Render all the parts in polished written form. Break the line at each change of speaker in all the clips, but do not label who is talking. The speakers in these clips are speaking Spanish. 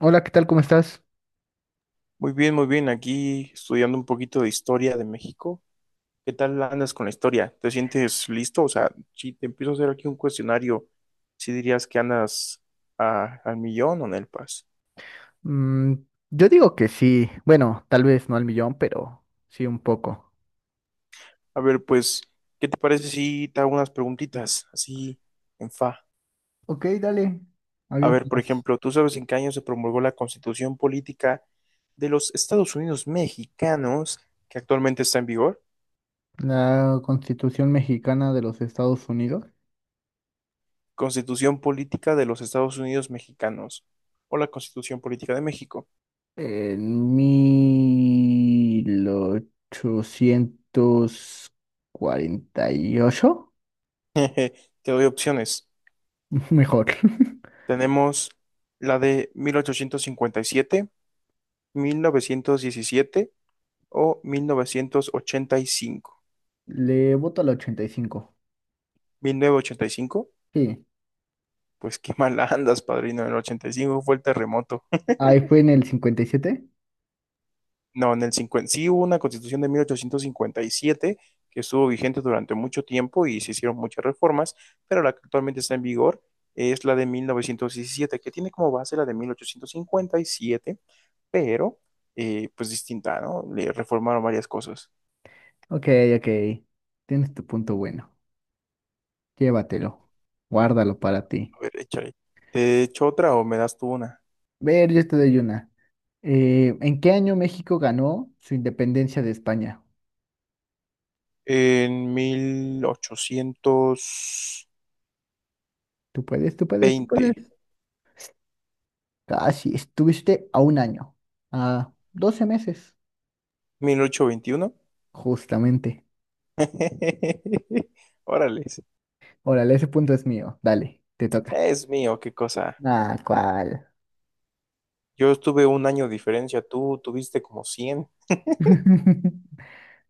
Hola, ¿qué tal? ¿Cómo estás?
Muy bien, muy bien. Aquí estudiando un poquito de historia de México. ¿Qué tal andas con la historia? ¿Te sientes listo? O sea, si te empiezo a hacer aquí un cuestionario, si dirías que andas al millón o en el pas?
Mm, yo digo que sí. Bueno, tal vez no al millón, pero sí un poco.
A ver, pues, ¿qué te parece si te hago unas preguntitas así en fa?
Ok, dale.
A ver, por
Aviéntalas.
ejemplo, ¿tú sabes en qué año se promulgó la Constitución Política de los Estados Unidos Mexicanos que actualmente está en vigor?
La Constitución Mexicana de los Estados Unidos.
Constitución Política de los Estados Unidos Mexicanos o la Constitución Política de México.
En 1848.
Te doy opciones.
Mejor.
Tenemos la de 1857, 1917 o 1985.
Le voto al 85.
¿1985?
Sí.
Pues qué mal andas, padrino. El 85 fue el terremoto.
Ahí fue en el 57.
No, en el 50, sí hubo una constitución de 1857 que estuvo vigente durante mucho tiempo y se hicieron muchas reformas, pero la que actualmente está en vigor es la de 1917 que tiene como base la de 1857, pero pues distinta, ¿no? Le reformaron varias cosas.
Ok, ok. Tienes tu punto bueno. Llévatelo. Guárdalo para ti.
A ver, échale. ¿Te echo otra o me das tú una?
Ver, yo te doy una. ¿En qué año México ganó su independencia de España?
En mil ochocientos
Tú puedes, tú puedes, tú puedes.
veinte,
Casi, estuviste a un año, a 12 meses,
1821.
justamente.
Órale,
Órale, ese punto es mío. Dale, te toca.
es mío, qué cosa.
Ah, ¿cuál?
Yo estuve un año de diferencia, tú tuviste como 100.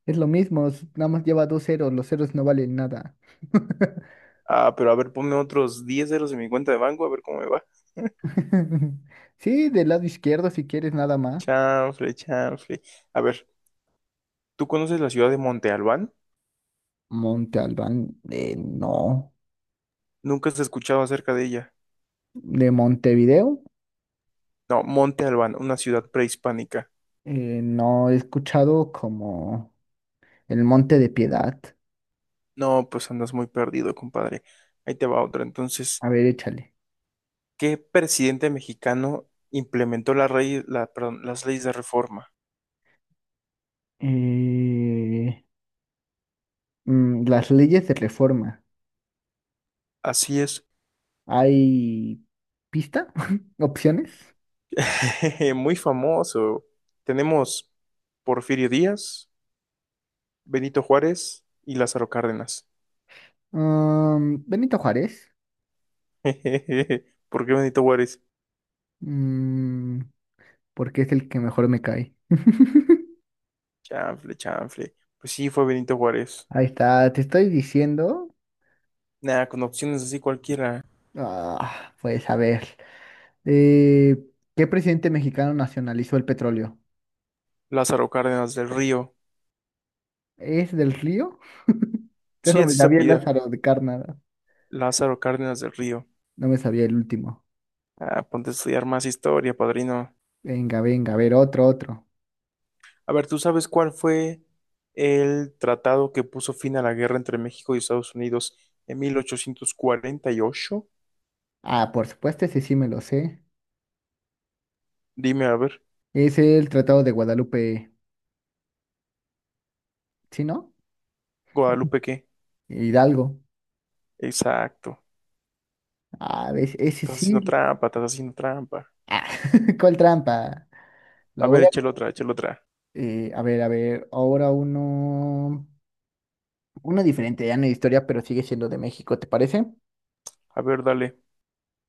Es lo mismo, nada más lleva dos ceros, los ceros no valen nada.
Ah, pero a ver, ponme otros 10 ceros en mi cuenta de banco, a ver cómo me va.
Sí, del lado izquierdo si quieres nada más.
Chanfle, chanfle. A ver, ¿tú conoces la ciudad de Monte Albán?
Monte Albán, no.
Nunca has escuchado acerca de ella.
¿De Montevideo?
No, Monte Albán, una ciudad prehispánica.
No he escuchado como El Monte de Piedad.
No, pues andas muy perdido, compadre. Ahí te va otra. Entonces,
A ver, échale.
¿qué presidente mexicano implementó perdón, las leyes de reforma?
Eh, las leyes de reforma.
Así es.
¿Hay pista? ¿Opciones?
Muy famoso. Tenemos Porfirio Díaz, Benito Juárez y Lázaro Cárdenas.
Benito Juárez.
¿Por qué Benito Juárez?
Mm, porque es el que mejor me cae.
Chanfle, chanfle. Pues sí, fue Benito Juárez.
Ahí está, te estoy diciendo.
Nada, con opciones así cualquiera.
Ah, pues a ver. Eh, ¿Qué presidente mexicano nacionalizó el petróleo?
Lázaro Cárdenas del Río.
¿Es del Río? Te
Sí,
lo me
así se
sabía el
apellida.
Lázaro de Cárdenas.
Lázaro Cárdenas del Río.
No me sabía el último.
Ah, ponte a estudiar más historia, padrino.
Venga, venga, a ver, otro, otro.
A ver, ¿tú sabes cuál fue el tratado que puso fin a la guerra entre México y Estados Unidos en 1848?
Ah, por supuesto, ese sí me lo sé.
Dime, a ver,
Es el Tratado de Guadalupe, ¿sí, no?
Guadalupe, ¿qué?
Hidalgo.
Exacto.
Ah, ves, ese
Estás haciendo
sí.
trampa, estás haciendo trampa.
Ah, ¿cuál trampa?
A
Lo voy
ver,
a.
échale otra, échale otra.
A ver, a ver, ahora uno diferente, ya no es historia, pero sigue siendo de México, ¿te parece?
A ver, dale.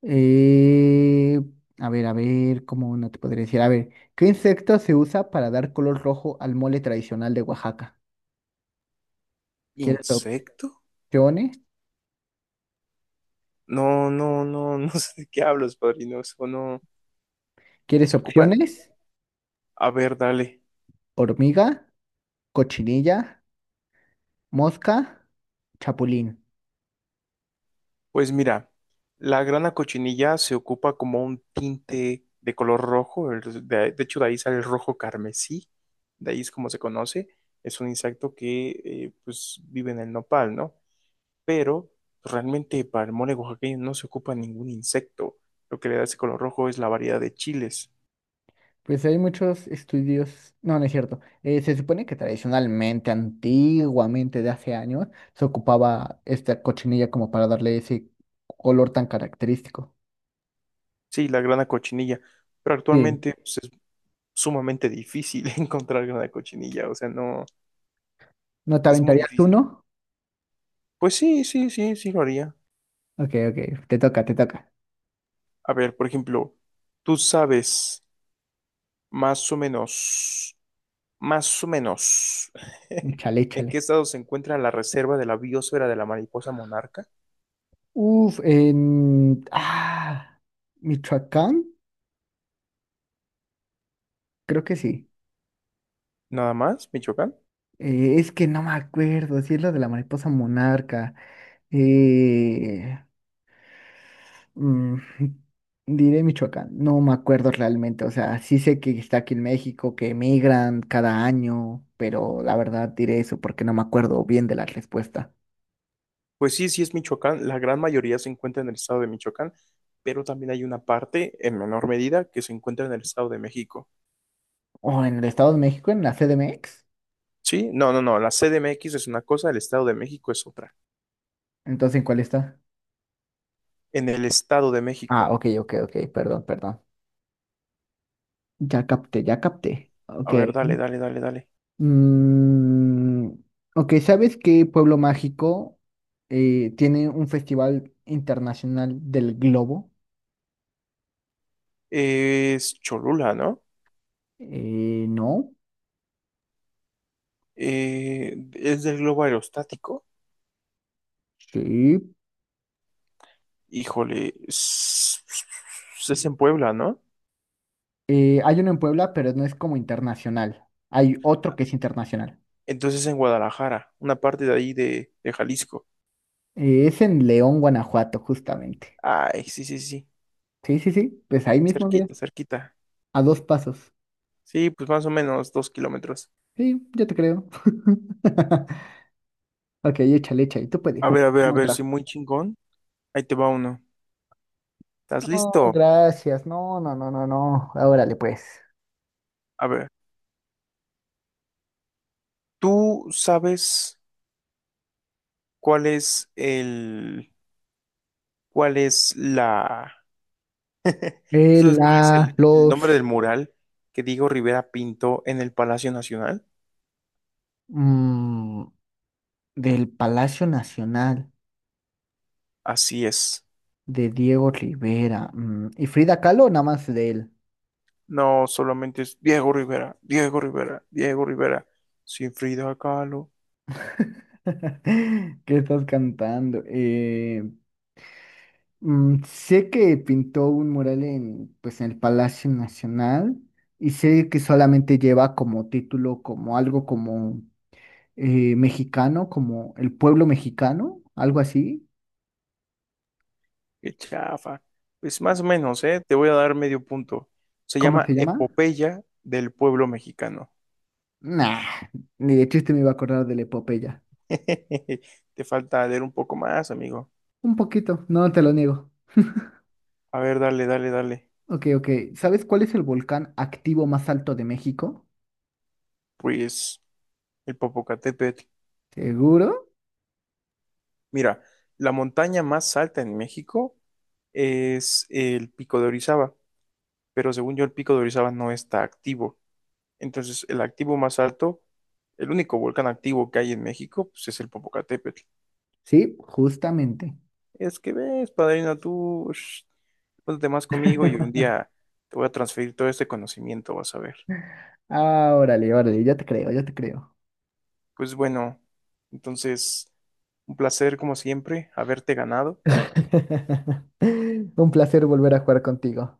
Eh, a ver, ¿cómo no te podría decir? A ver, ¿qué insecto se usa para dar color rojo al mole tradicional de Oaxaca? ¿Quieres
¿Insecto?
opciones?
No, no, no, no sé de qué hablas, padrino. Eso no.
¿Quieres
Se ocupan.
opciones?
A ver, dale.
Hormiga, cochinilla, mosca, chapulín.
Pues mira, la grana cochinilla se ocupa como un tinte de color rojo. El- de hecho, de ahí sale el rojo carmesí. De ahí es como se conoce. Es un insecto que pues vive en el nopal, ¿no? Pero pues, realmente para el mole oaxaqueño no se ocupa ningún insecto. Lo que le da ese color rojo es la variedad de chiles.
Pues hay muchos estudios, no, no es cierto. Se supone que tradicionalmente, antiguamente, de hace años, se ocupaba esta cochinilla como para darle ese color tan característico.
Sí, la grana cochinilla, pero
Sí.
actualmente pues, es sumamente difícil encontrar grana cochinilla, o sea, no,
¿No te
es muy
aventarías
difícil.
uno?
Pues sí, sí, sí, sí lo haría.
Ok, ok, te toca, te toca.
A ver, por ejemplo, tú sabes más o menos, más o menos,
Échale,
en qué
échale.
estado se encuentra la reserva de la biosfera de la mariposa monarca,
Uf, ah, Michoacán, creo que sí.
nada más, Michoacán.
Es que no me acuerdo, si es lo de la mariposa monarca. Eh, mm, diré Michoacán, no me acuerdo realmente, o sea, sí sé que está aquí en México, que emigran cada año, pero la verdad diré eso porque no me acuerdo bien de la respuesta.
Pues sí, sí es Michoacán, la gran mayoría se encuentra en el estado de Michoacán, pero también hay una parte, en menor medida, que se encuentra en el estado de México.
¿O en el Estado de México, en la CDMX?
Sí, no, no, no. La CDMX es una cosa, el Estado de México es otra.
Entonces, ¿en cuál está?
En el Estado de
Ah,
México.
ok, ok, ok, perdón, perdón. Ya capté, ya capté. Ok.
A ver, dale, dale, dale, dale.
Mm, ok, ¿sabes qué pueblo mágico tiene un festival internacional del globo?
Es Cholula, ¿no?
No.
Es del globo aerostático.
Sí.
Híjole, es en Puebla, ¿no?
Hay uno en Puebla, pero no es como internacional. Hay otro que es internacional.
Entonces en Guadalajara, una parte de ahí de Jalisco.
Es en León, Guanajuato, justamente.
Ay, sí, sí, sí.
Sí, sí, sí. Pues ahí mismo, mira.
Cerquita, cerquita.
A dos pasos.
Sí, pues más o menos 2 kilómetros.
Sí, yo te creo. Ok, échale, échale. Tú
A
puedes.
ver, a ver, a ver, sí,
Otra.
muy chingón. Ahí te va uno. ¿Estás
No,
listo?
gracias. No, no, no, no, no. Órale, pues.
A ver, ¿tú sabes? Cuál es el, cuál es la, ¿tú sabes cuál es el nombre del
Los
mural que Diego Rivera pintó en el Palacio Nacional?
mm, del Palacio Nacional
Así es.
de Diego Rivera y Frida Kahlo, nada más de él.
No, solamente es Diego Rivera, Diego Rivera, Diego Rivera, sin Frida Kahlo,
¿Qué estás cantando? Sé que pintó un mural en, pues, en el Palacio Nacional y sé que solamente lleva como título, como algo como mexicano, como el pueblo mexicano, algo así.
qué chafa. Pues más o menos, ¿eh? Te voy a dar medio punto. Se
¿Cómo
llama
se llama?
Epopeya del pueblo mexicano.
Nah, ni de chiste me iba a acordar de la epopeya.
Te falta leer un poco más, amigo.
Un poquito, no te lo niego.
A ver, dale, dale, dale.
Ok, ok. ¿Sabes cuál es el volcán activo más alto de México?
Pues el Popocatépetl.
¿Seguro?
Mira, la montaña más alta en México es el Pico de Orizaba, pero según yo el Pico de Orizaba no está activo. Entonces, el activo más alto, el único volcán activo que hay en México, pues es el Popocatépetl.
Sí, justamente.
Es que ves, padrino, tú, shh, ponte más conmigo y un día te voy a transferir todo este conocimiento, vas a ver.
Ah, órale, órale, ya te creo, ya te creo.
Pues bueno, entonces, un placer como siempre haberte ganado.
Un placer volver a jugar contigo.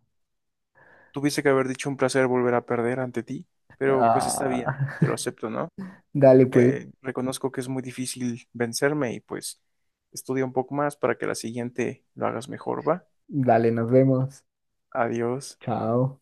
Tuviste que haber dicho un placer volver a perder ante ti, pero pues está bien, te lo
Ah,
acepto, ¿no?
dale, pues,
Reconozco que es muy difícil vencerme y pues estudia un poco más para que la siguiente lo hagas mejor, ¿va?
dale, nos vemos.
Adiós.
Chao.